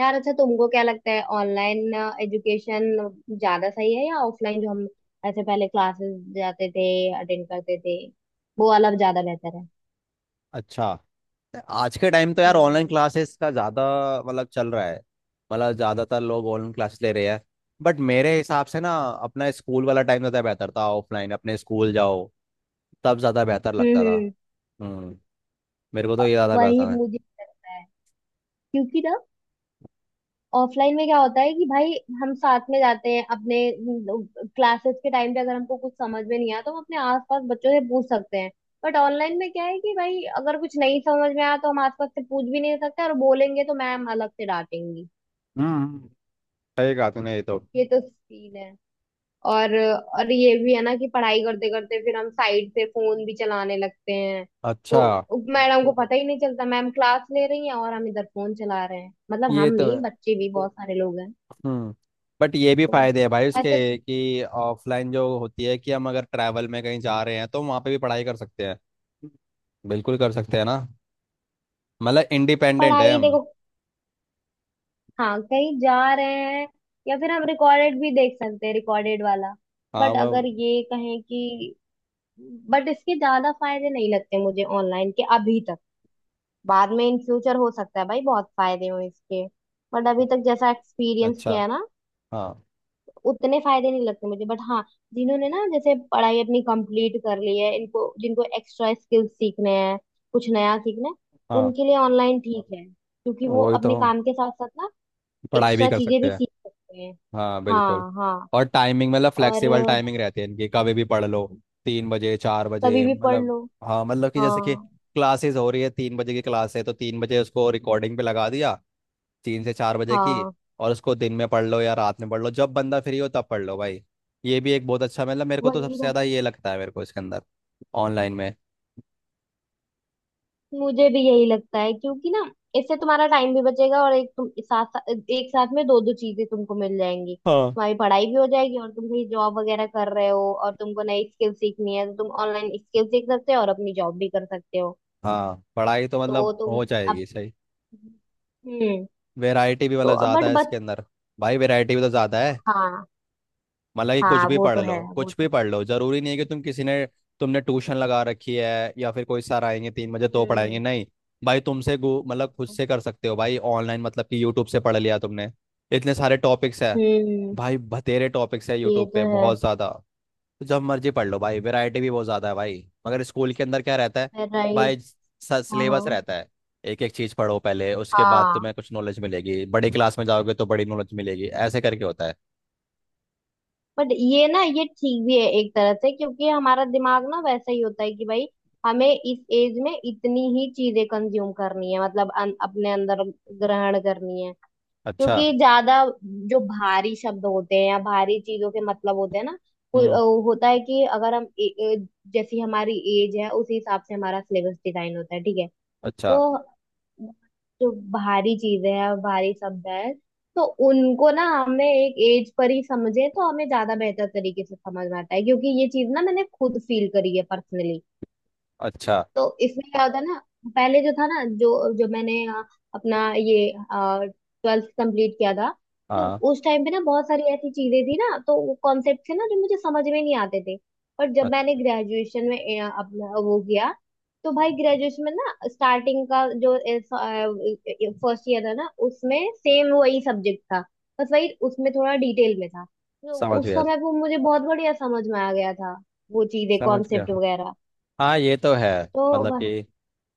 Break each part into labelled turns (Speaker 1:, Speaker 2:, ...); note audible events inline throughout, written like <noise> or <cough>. Speaker 1: यार अच्छा तुमको क्या लगता है ऑनलाइन एजुकेशन ज्यादा सही है या ऑफलाइन जो हम ऐसे पहले क्लासेस जाते थे अटेंड करते थे वो वाला ज्यादा बेहतर है।
Speaker 2: अच्छा, आज के टाइम तो यार ऑनलाइन
Speaker 1: हम्म
Speaker 2: क्लासेस का ज़्यादा मतलब चल रहा है। मतलब ज़्यादातर लोग ऑनलाइन क्लासेस ले रहे हैं। बट मेरे हिसाब से ना, अपना स्कूल वाला टाइम ज़्यादा बेहतर था। ऑफलाइन अपने स्कूल जाओ, तब ज़्यादा बेहतर
Speaker 1: हम्म
Speaker 2: लगता था।
Speaker 1: हम्म
Speaker 2: हम्म। मेरे को
Speaker 1: अ,
Speaker 2: तो ये ज़्यादा
Speaker 1: वही
Speaker 2: पसंद है।
Speaker 1: मुझे भी लगता है क्योंकि ना ऑफलाइन में क्या होता है कि भाई हम साथ में जाते हैं अपने क्लासेस के टाइम पे अगर हमको कुछ समझ में नहीं आया तो हम अपने आसपास बच्चों से पूछ सकते हैं। बट ऑनलाइन में क्या है कि भाई अगर कुछ नहीं समझ में आया तो हम आसपास से पूछ भी नहीं सकते और बोलेंगे तो मैम अलग से डांटेंगी।
Speaker 2: हम्म। सही कहा तूने ये तो।
Speaker 1: ये तो सीन है। और ये भी है ना कि पढ़ाई करते करते फिर हम साइड से फोन भी चलाने लगते हैं। तो
Speaker 2: अच्छा।
Speaker 1: मैडम को पता ही नहीं चलता, मैम क्लास ले रही हैं और हम इधर फोन चला रहे हैं। मतलब
Speaker 2: ये
Speaker 1: हम
Speaker 2: तो है।
Speaker 1: नहीं, बच्चे भी बहुत सारे लोग हैं।
Speaker 2: हम्म। बट ये भी
Speaker 1: तो
Speaker 2: फायदे हैं भाई उसके
Speaker 1: अच्छा तो
Speaker 2: कि ऑफलाइन जो होती है कि हम अगर ट्रैवल में कहीं जा रहे हैं तो वहाँ पे भी पढ़ाई कर सकते हैं। बिल्कुल कर सकते हैं ना। मतलब इंडिपेंडेंट है
Speaker 1: पढ़ाई
Speaker 2: हम।
Speaker 1: देखो, हाँ कहीं जा रहे हैं या फिर हम रिकॉर्डेड भी देख सकते हैं, रिकॉर्डेड वाला।
Speaker 2: हाँ
Speaker 1: बट
Speaker 2: वो।
Speaker 1: अगर ये कहें कि बट इसके ज्यादा फायदे नहीं लगते मुझे ऑनलाइन के, अभी तक। बाद में, इन फ्यूचर, हो सकता है भाई बहुत फायदे हो इसके। बट अभी तक जैसा एक्सपीरियंस
Speaker 2: अच्छा।
Speaker 1: किया है ना,
Speaker 2: हाँ।
Speaker 1: उतने फायदे नहीं लगते मुझे। बट हाँ, जिन्होंने ना जैसे पढ़ाई अपनी कंप्लीट कर ली है इनको, जिनको एक्स्ट्रा स्किल्स सीखने हैं, कुछ नया सीखना है,
Speaker 2: हाँ
Speaker 1: उनके लिए ऑनलाइन ठीक है क्योंकि वो
Speaker 2: वही तो,
Speaker 1: अपने काम के साथ साथ ना
Speaker 2: पढ़ाई भी
Speaker 1: एक्स्ट्रा
Speaker 2: कर
Speaker 1: चीजें भी
Speaker 2: सकते हैं।
Speaker 1: सीख सकते हैं।
Speaker 2: हाँ
Speaker 1: हाँ
Speaker 2: बिल्कुल।
Speaker 1: हाँ।
Speaker 2: और टाइमिंग मतलब
Speaker 1: और
Speaker 2: फ्लेक्सिबल
Speaker 1: अ,
Speaker 2: टाइमिंग रहती है इनकी, कभी भी पढ़ लो। 3 बजे, चार
Speaker 1: कभी
Speaker 2: बजे
Speaker 1: भी पढ़
Speaker 2: मतलब।
Speaker 1: लो।
Speaker 2: हाँ, मतलब कि जैसे कि
Speaker 1: हाँ।
Speaker 2: क्लासेस हो रही है, 3 बजे की क्लास है तो 3 बजे उसको रिकॉर्डिंग पे लगा दिया, 3 से 4 बजे की।
Speaker 1: हाँ
Speaker 2: और उसको दिन में पढ़ लो या रात में पढ़ लो, जब बंदा फ्री हो तब पढ़ लो भाई। ये भी एक बहुत अच्छा, मतलब मेरे को तो
Speaker 1: वही
Speaker 2: सबसे
Speaker 1: ना
Speaker 2: ज़्यादा ये लगता है, मेरे को इसके अंदर, ऑनलाइन में।
Speaker 1: मुझे भी यही लगता है क्योंकि ना इससे तुम्हारा टाइम भी बचेगा और एक साथ में दो दो चीजें तुमको मिल जाएंगी,
Speaker 2: हाँ।
Speaker 1: तुम्हारी पढ़ाई भी हो जाएगी और तुम कहीं जॉब वगैरह कर रहे हो और तुमको नई स्किल सीखनी है तो तुम ऑनलाइन स्किल सीख सकते हो और अपनी जॉब भी कर सकते हो।
Speaker 2: हाँ <laughs> पढ़ाई तो
Speaker 1: तो
Speaker 2: मतलब
Speaker 1: तुम
Speaker 2: हो
Speaker 1: अब
Speaker 2: जाएगी सही।
Speaker 1: हम्म
Speaker 2: वैरायटी भी
Speaker 1: तो
Speaker 2: मतलब ज़्यादा है
Speaker 1: बट
Speaker 2: इसके अंदर। भाई वैरायटी भी तो ज़्यादा है।
Speaker 1: हाँ
Speaker 2: मतलब कि कुछ
Speaker 1: हाँ,
Speaker 2: भी <laughs>
Speaker 1: वो
Speaker 2: पढ़
Speaker 1: तो है,
Speaker 2: लो,
Speaker 1: वो
Speaker 2: कुछ
Speaker 1: तो।
Speaker 2: भी पढ़ लो, ज़रूरी नहीं है कि तुम किसी ने, तुमने ट्यूशन लगा रखी है या फिर कोई सर आएंगे 3 बजे तो पढ़ाएंगे
Speaker 1: हम्म
Speaker 2: नहीं। भाई मतलब खुद से कर सकते हो भाई ऑनलाइन, मतलब कि यूट्यूब से पढ़ लिया तुमने। इतने सारे टॉपिक्स है।
Speaker 1: हम्म।
Speaker 2: भाई बतेरे टॉपिक्स है
Speaker 1: ये
Speaker 2: यूट्यूब पे
Speaker 1: तो है।
Speaker 2: बहुत ज़्यादा। तो जब मर्जी पढ़ लो भाई, वैरायटी भी बहुत ज़्यादा है भाई। मगर स्कूल के अंदर क्या रहता है
Speaker 1: राइट।
Speaker 2: भाई?
Speaker 1: हाँ
Speaker 2: सिलेबस रहता है। एक एक चीज़ पढ़ो पहले, उसके बाद
Speaker 1: हाँ,
Speaker 2: तुम्हें कुछ नॉलेज मिलेगी, बड़ी क्लास में जाओगे तो बड़ी नॉलेज मिलेगी, ऐसे करके होता है।
Speaker 1: बट ये ना ये ठीक भी है एक तरह से क्योंकि हमारा दिमाग ना वैसा ही होता है कि भाई हमें इस एज में इतनी ही चीजें कंज्यूम करनी है, मतलब अपने अंदर ग्रहण करनी है।
Speaker 2: अच्छा।
Speaker 1: क्योंकि ज्यादा जो भारी शब्द होते हैं या भारी चीजों के मतलब होते हैं ना, वो-
Speaker 2: हम्म।
Speaker 1: वो होता है कि अगर हम ए, ए, जैसी हमारी एज है उसी हिसाब से हमारा सिलेबस डिजाइन होता है, ठीक है।
Speaker 2: अच्छा।
Speaker 1: तो जो भारी चीजें हैं और भारी शब्द है, तो उनको ना हमें एक एज पर ही समझे तो हमें ज्यादा बेहतर तरीके से समझ में आता है। क्योंकि ये चीज ना मैंने खुद फील करी है पर्सनली।
Speaker 2: अच्छा।
Speaker 1: तो इसमें क्या होता है ना, पहले जो था ना, जो जो मैंने अपना ये ट्वेल्थ कंप्लीट किया था, तो
Speaker 2: हाँ।
Speaker 1: उस टाइम पे ना बहुत सारी ऐसी चीजें थी ना, तो वो कॉन्सेप्ट थे ना जो मुझे समझ में नहीं आते थे। पर जब मैंने
Speaker 2: अच्छा,
Speaker 1: ग्रेजुएशन में अपना वो किया, तो भाई ग्रेजुएशन में ना स्टार्टिंग का जो फर्स्ट ईयर था ना, उसमें सेम वही सब्जेक्ट था, बस वही उसमें थोड़ा डिटेल में था। तो
Speaker 2: समझ
Speaker 1: उस
Speaker 2: गया।
Speaker 1: समय वो मुझे बहुत बढ़िया समझ में आ गया था, वो चीजें,
Speaker 2: समझ गया।
Speaker 1: कॉन्सेप्ट वगैरह।
Speaker 2: हाँ ये तो है।
Speaker 1: तो
Speaker 2: मतलब कि,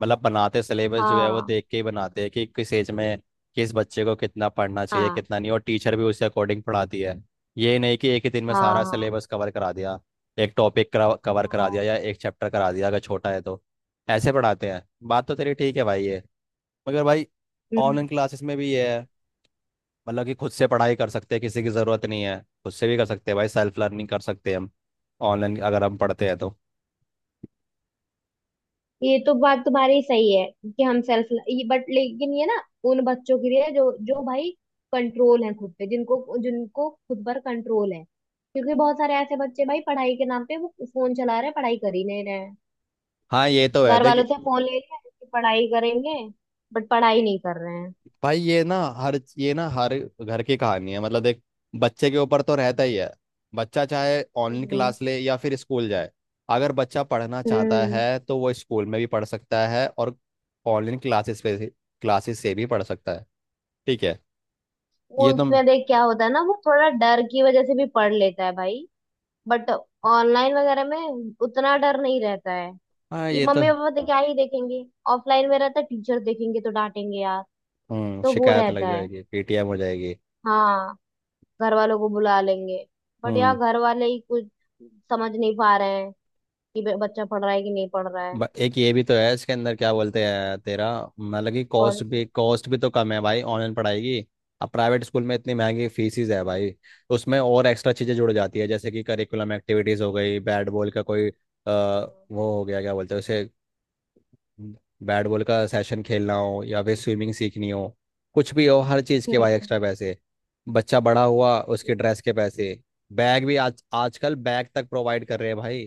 Speaker 2: मतलब बनाते सिलेबस जो है वो
Speaker 1: हाँ
Speaker 2: देख के ही बनाते हैं कि किस एज में किस बच्चे को कितना पढ़ना चाहिए
Speaker 1: हाँ,
Speaker 2: कितना नहीं, और टीचर भी उसके अकॉर्डिंग पढ़ाती है। ये नहीं कि एक ही दिन में
Speaker 1: हाँ
Speaker 2: सारा
Speaker 1: हाँ
Speaker 2: सिलेबस कवर करा दिया। एक टॉपिक कवर करा दिया
Speaker 1: हाँ।
Speaker 2: या एक चैप्टर करा दिया अगर छोटा है तो, ऐसे पढ़ाते हैं। बात तो तेरी ठीक है भाई ये। मगर भाई ऑनलाइन
Speaker 1: हम्म।
Speaker 2: क्लासेस में भी ये है, मतलब कि खुद से पढ़ाई कर सकते हैं, किसी की ज़रूरत नहीं है, खुद से भी कर सकते हैं भाई, सेल्फ लर्निंग कर सकते हैं हम। ऑनलाइन अगर हम पढ़ते हैं तो।
Speaker 1: ये तो बात तुम्हारी सही है कि हम सेल्फ ये, बट लेकिन ये ना उन बच्चों के लिए जो जो भाई कंट्रोल है खुद पे, जिनको जिनको खुद पर कंट्रोल है। क्योंकि बहुत सारे ऐसे बच्चे भाई पढ़ाई के नाम पे वो फोन चला रहे हैं, पढ़ाई कर ही नहीं रहे हैं।
Speaker 2: हाँ ये तो है
Speaker 1: घर वालों
Speaker 2: देखिए।
Speaker 1: से फोन ले लिया कि पढ़ाई करेंगे, बट पढ़ाई नहीं कर रहे हैं।
Speaker 2: भाई ये ना हर घर की कहानी है, मतलब देख, बच्चे के ऊपर तो रहता ही है। बच्चा चाहे
Speaker 1: हम्म
Speaker 2: ऑनलाइन
Speaker 1: हम्म
Speaker 2: क्लास ले या फिर स्कूल जाए, अगर बच्चा पढ़ना चाहता
Speaker 1: हम्म।
Speaker 2: है तो वो स्कूल में भी पढ़ सकता है और ऑनलाइन क्लासेस पे, क्लासेस से भी पढ़ सकता है। ठीक है।
Speaker 1: वो
Speaker 2: ये तुम।
Speaker 1: उसमें देख क्या होता है ना, वो थोड़ा डर की वजह से भी पढ़ लेता है भाई। बट ऑनलाइन वगैरह में उतना डर नहीं रहता है
Speaker 2: हाँ
Speaker 1: कि
Speaker 2: ये तो।
Speaker 1: मम्मी पापा तो क्या ही देखेंगे। ऑफलाइन में रहता है, टीचर देखेंगे तो डांटेंगे यार।
Speaker 2: हम्म,
Speaker 1: तो वो
Speaker 2: शिकायत लग
Speaker 1: रहता है।
Speaker 2: जाएगी, पीटीएम हो जाएगी।
Speaker 1: हाँ, घर वालों को बुला लेंगे। बट
Speaker 2: हम्म।
Speaker 1: यार घर वाले ही कुछ समझ नहीं पा रहे हैं कि बच्चा पढ़ रहा है कि नहीं पढ़ रहा है।
Speaker 2: एक ये भी तो है इसके अंदर, क्या बोलते
Speaker 1: पता नहीं
Speaker 2: हैं तेरा, मतलब कि
Speaker 1: कौन
Speaker 2: कॉस्ट
Speaker 1: सी।
Speaker 2: भी कॉस्ट भी तो कम है भाई ऑनलाइन पढ़ाई की। अब प्राइवेट स्कूल में इतनी महंगी फीसिस है भाई, उसमें और एक्स्ट्रा चीज़ें जुड़ जाती है, जैसे कि करिकुलम एक्टिविटीज़ हो गई, बैट बॉल का कोई वो हो गया, क्या बोलते हैं उसे, बैट बॉल का सेशन खेलना हो या फिर स्विमिंग सीखनी हो, कुछ भी हो, हर चीज़
Speaker 1: हाँ।
Speaker 2: के भाई
Speaker 1: हम्म।
Speaker 2: एक्स्ट्रा पैसे। बच्चा बड़ा हुआ उसके ड्रेस के पैसे, बैग भी, आज आजकल बैग तक प्रोवाइड कर रहे हैं भाई,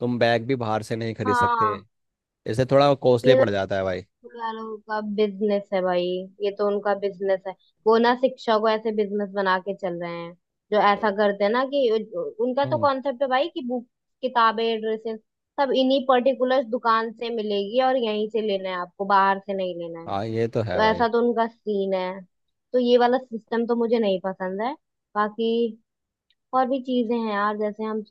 Speaker 2: तुम बैग भी बाहर से नहीं खरीद सकते।
Speaker 1: हाँ,
Speaker 2: इससे थोड़ा कॉस्टली
Speaker 1: ये तो
Speaker 2: पड़ जाता है भाई।
Speaker 1: दुकानों का बिजनेस है भाई, ये तो उनका बिजनेस है। वो ना शिक्षा को ऐसे बिजनेस बना के चल रहे हैं, जो ऐसा करते हैं ना कि उनका तो
Speaker 2: हम्म।
Speaker 1: कॉन्सेप्ट है भाई कि बुक, किताबें, ड्रेसेस, सब इन्हीं पर्टिकुलर दुकान से मिलेगी और यहीं से लेना है आपको, बाहर से नहीं लेना है।
Speaker 2: हाँ ये तो
Speaker 1: तो
Speaker 2: है भाई।
Speaker 1: ऐसा तो उनका सीन है। तो ये वाला सिस्टम तो मुझे नहीं पसंद है। बाकी और भी चीजें हैं यार, जैसे हम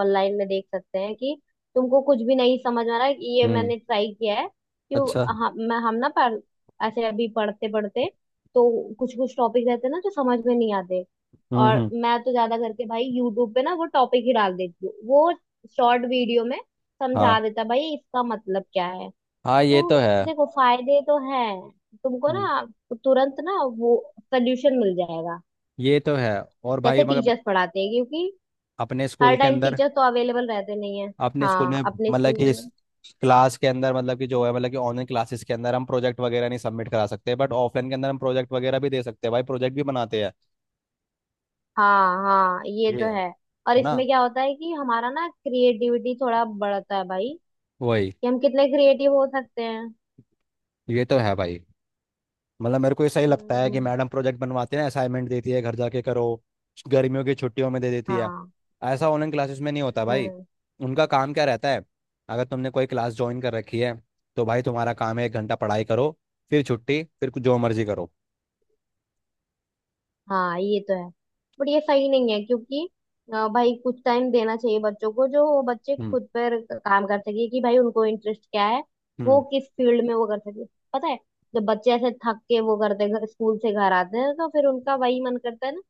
Speaker 1: ऑनलाइन में देख सकते हैं कि तुमको कुछ भी नहीं समझ आ रहा है, ये
Speaker 2: हम्म।
Speaker 1: मैंने ट्राई किया है कि वो-
Speaker 2: अच्छा।
Speaker 1: हम मैं हम ना पढ़ ऐसे अभी पढ़ते पढ़ते, तो कुछ कुछ टॉपिक रहते हैं ना जो समझ में नहीं आते,
Speaker 2: हम्म।
Speaker 1: और
Speaker 2: हम्म।
Speaker 1: मैं तो ज्यादा करके भाई यूट्यूब पे ना वो टॉपिक ही डाल देती हूँ, वो शॉर्ट वीडियो में समझा
Speaker 2: हाँ।
Speaker 1: देता है भाई, इसका मतलब क्या है।
Speaker 2: हाँ ये
Speaker 1: तो
Speaker 2: तो है।
Speaker 1: देखो फायदे तो हैं, तुमको
Speaker 2: हम्म।
Speaker 1: ना तुरंत ना वो सोल्यूशन मिल जाएगा,
Speaker 2: ये तो है। और
Speaker 1: जैसे
Speaker 2: भाई मगर,
Speaker 1: टीचर्स पढ़ाते हैं, क्योंकि
Speaker 2: अपने
Speaker 1: हर
Speaker 2: स्कूल के
Speaker 1: टाइम
Speaker 2: अंदर,
Speaker 1: टीचर तो अवेलेबल रहते नहीं है।
Speaker 2: अपने स्कूल
Speaker 1: हाँ,
Speaker 2: में,
Speaker 1: अपने
Speaker 2: मतलब
Speaker 1: स्कूल के
Speaker 2: कि इस
Speaker 1: अंदर।
Speaker 2: क्लास के अंदर, मतलब कि जो है, मतलब कि ऑनलाइन क्लासेस के अंदर हम प्रोजेक्ट वगैरह नहीं सबमिट करा सकते, बट ऑफलाइन के अंदर हम प्रोजेक्ट वगैरह भी दे सकते हैं भाई, प्रोजेक्ट भी बनाते हैं।
Speaker 1: हाँ हाँ, ये तो
Speaker 2: ये
Speaker 1: है। और
Speaker 2: है। ना
Speaker 1: इसमें क्या होता है कि हमारा ना क्रिएटिविटी थोड़ा बढ़ता है भाई,
Speaker 2: वही।
Speaker 1: कि हम कितने क्रिएटिव हो सकते हैं।
Speaker 2: ये तो है भाई। मतलब मेरे को ये सही लगता है कि
Speaker 1: हम्म।
Speaker 2: मैडम प्रोजेक्ट बनवाती है ना, असाइनमेंट देती है, घर जाके करो, गर्मियों की छुट्टियों में दे देती है।
Speaker 1: हाँ।
Speaker 2: ऐसा ऑनलाइन क्लासेस में नहीं होता भाई।
Speaker 1: हम्म।
Speaker 2: उनका काम क्या रहता है, अगर तुमने कोई क्लास ज्वाइन कर रखी है तो भाई तुम्हारा काम है 1 घंटा पढ़ाई करो, फिर छुट्टी, फिर कुछ जो मर्जी करो।
Speaker 1: हाँ ये तो है, बट ये सही नहीं है। क्योंकि भाई कुछ टाइम देना चाहिए बच्चों को, जो वो बच्चे
Speaker 2: हम्म।
Speaker 1: खुद पर काम कर सके कि भाई उनको इंटरेस्ट क्या है, वो
Speaker 2: हम्म।
Speaker 1: किस फील्ड में वो कर सके। पता है, जब बच्चे ऐसे थक के वो करते हैं, स्कूल से घर आते हैं, तो फिर उनका वही मन करता है ना,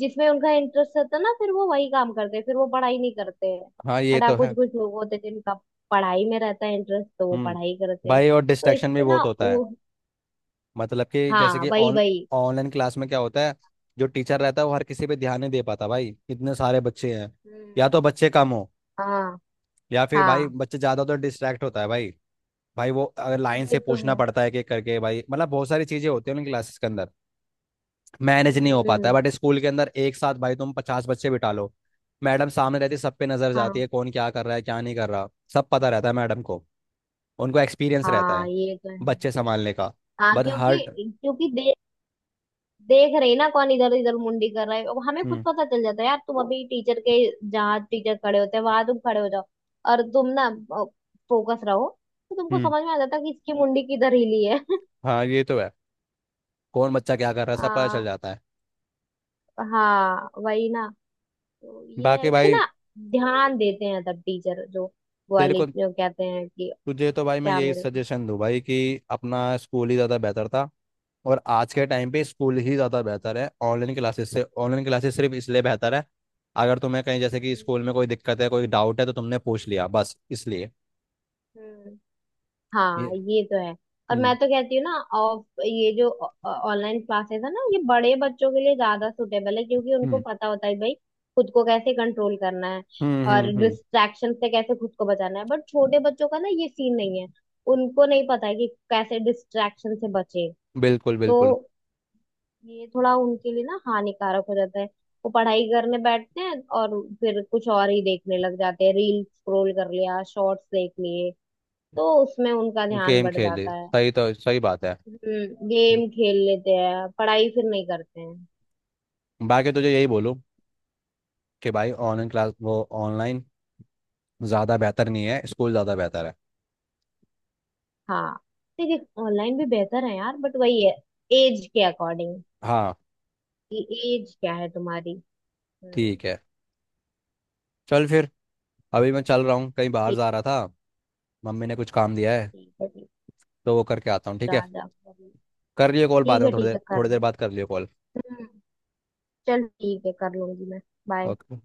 Speaker 1: जिसमें उनका इंटरेस्ट होता है ना, फिर वो वही काम करते हैं, फिर वो पढ़ाई नहीं करते हैं।
Speaker 2: हाँ ये
Speaker 1: बट हाँ,
Speaker 2: तो
Speaker 1: कुछ
Speaker 2: है।
Speaker 1: कुछ लोग होते हैं जिनका पढ़ाई में रहता है इंटरेस्ट, तो वो
Speaker 2: हम्म।
Speaker 1: पढ़ाई करते हैं।
Speaker 2: भाई और
Speaker 1: तो
Speaker 2: डिस्ट्रैक्शन भी
Speaker 1: इससे ना
Speaker 2: बहुत होता है,
Speaker 1: वो,
Speaker 2: मतलब कि जैसे
Speaker 1: हाँ
Speaker 2: कि
Speaker 1: वही
Speaker 2: ऑन
Speaker 1: वही।
Speaker 2: ऑनलाइन क्लास में क्या होता है, जो टीचर रहता है वो हर किसी पे ध्यान नहीं दे पाता भाई, इतने सारे बच्चे हैं, या
Speaker 1: हम्म।
Speaker 2: तो बच्चे कम हो
Speaker 1: हाँ
Speaker 2: या फिर भाई
Speaker 1: हाँ,
Speaker 2: बच्चे ज्यादा तो डिस्ट्रैक्ट होता है भाई। भाई वो अगर लाइन से
Speaker 1: ये तो
Speaker 2: पूछना
Speaker 1: है।
Speaker 2: पड़ता है कि करके भाई, मतलब बहुत सारी चीजें होती है उनकी क्लासेस के अंदर, मैनेज नहीं हो पाता है।
Speaker 1: हम्म।
Speaker 2: बट स्कूल के अंदर एक साथ भाई तुम 50 बच्चे बिठा लो, मैडम सामने रहती है, सब पे नजर
Speaker 1: हाँ
Speaker 2: जाती है कौन क्या कर रहा है क्या नहीं कर रहा, सब पता रहता है मैडम को, उनको एक्सपीरियंस रहता
Speaker 1: हाँ,
Speaker 2: है
Speaker 1: ये तो है।
Speaker 2: बच्चे संभालने का।
Speaker 1: हाँ
Speaker 2: बट हर।
Speaker 1: क्योंकि, क्योंकि देख रहे ना कौन इधर इधर मुंडी कर रहा है। अब हमें खुद
Speaker 2: हम्म।
Speaker 1: पता चल जाता है यार, तुम अभी टीचर के, जहाँ टीचर खड़े होते हैं वहां तुम खड़े हो जाओ और तुम ना फोकस रहो, तो तुमको
Speaker 2: हम्म।
Speaker 1: समझ में आ जाता है कि इसकी मुंडी किधर हिली है।
Speaker 2: हाँ ये तो है। कौन बच्चा क्या कर रहा है सब पता चल
Speaker 1: आ,
Speaker 2: जाता है।
Speaker 1: हाँ वही ना। तो ये है,
Speaker 2: बाकी
Speaker 1: इस पे
Speaker 2: भाई
Speaker 1: ना ध्यान देते हैं तब टीचर, जो वो
Speaker 2: तेरे
Speaker 1: वाली
Speaker 2: को,
Speaker 1: जो कहते हैं कि
Speaker 2: तुझे तो भाई मैं
Speaker 1: क्या
Speaker 2: यही
Speaker 1: मेरे को।
Speaker 2: सजेशन दूँ भाई कि अपना स्कूल ही ज़्यादा बेहतर था, और आज के टाइम पे स्कूल ही ज़्यादा बेहतर है ऑनलाइन क्लासेस से। ऑनलाइन क्लासेस सिर्फ इसलिए बेहतर है, अगर तुम्हें कहीं जैसे कि
Speaker 1: हम्म
Speaker 2: स्कूल में कोई दिक्कत है, कोई डाउट है तो तुमने पूछ लिया, बस इसलिए।
Speaker 1: हम्म। हाँ
Speaker 2: ये।
Speaker 1: ये तो है। और मैं
Speaker 2: हम्म।
Speaker 1: तो कहती हूँ ना ऑफ ये जो ऑनलाइन क्लासेस है ना, ये बड़े बच्चों के लिए ज्यादा सुटेबल है, क्योंकि उनको
Speaker 2: हम्म।
Speaker 1: पता होता है भाई खुद को कैसे कंट्रोल करना है
Speaker 2: हम्म।
Speaker 1: और
Speaker 2: हम्म। हम्म।
Speaker 1: डिस्ट्रैक्शन से कैसे खुद को बचाना है। बट छोटे बच्चों का ना ये सीन नहीं है, उनको नहीं पता है कि कैसे डिस्ट्रैक्शन से बचे।
Speaker 2: बिल्कुल
Speaker 1: तो
Speaker 2: बिल्कुल।
Speaker 1: ये थोड़ा उनके लिए ना हानिकारक हो जाता है। वो पढ़ाई करने बैठते हैं और फिर कुछ और ही देखने लग जाते हैं, रील स्क्रॉल कर लिया, शॉर्ट्स देख लिए, तो उसमें उनका ध्यान
Speaker 2: गेम
Speaker 1: बढ़
Speaker 2: खेले,
Speaker 1: जाता है।
Speaker 2: सही तो सही बात है।
Speaker 1: हम्म, गेम खेल लेते हैं, पढ़ाई फिर नहीं करते हैं।
Speaker 2: बाकी तुझे यही बोलूँ कि भाई ऑनलाइन क्लास, वो
Speaker 1: हम्म।
Speaker 2: ऑनलाइन ज़्यादा बेहतर नहीं है, स्कूल ज़्यादा बेहतर है।
Speaker 1: हाँ, देखिए ऑनलाइन भी बेहतर है यार, बट वही है, एज के अकॉर्डिंग
Speaker 2: हाँ।
Speaker 1: कि एज क्या है तुम्हारी। हम्म।
Speaker 2: ठीक है। चल फिर, अभी मैं चल रहा हूँ, कहीं बाहर
Speaker 1: ठीक।
Speaker 2: जा रहा था, मम्मी ने कुछ काम दिया है
Speaker 1: ठीक है, ठीक
Speaker 2: तो वो करके आता हूँ,
Speaker 1: है,
Speaker 2: ठीक है।
Speaker 1: जा जा कर ले।
Speaker 2: कर लियो कॉल बाद
Speaker 1: ठीक
Speaker 2: में,
Speaker 1: है
Speaker 2: थोड़ी
Speaker 1: ठीक
Speaker 2: देर,
Speaker 1: है, कर
Speaker 2: थोड़ी देर
Speaker 1: ले।
Speaker 2: बाद कर लियो कॉल।
Speaker 1: हम्म, चल ठीक है, कर लूंगी मैं। बाय।
Speaker 2: ओके।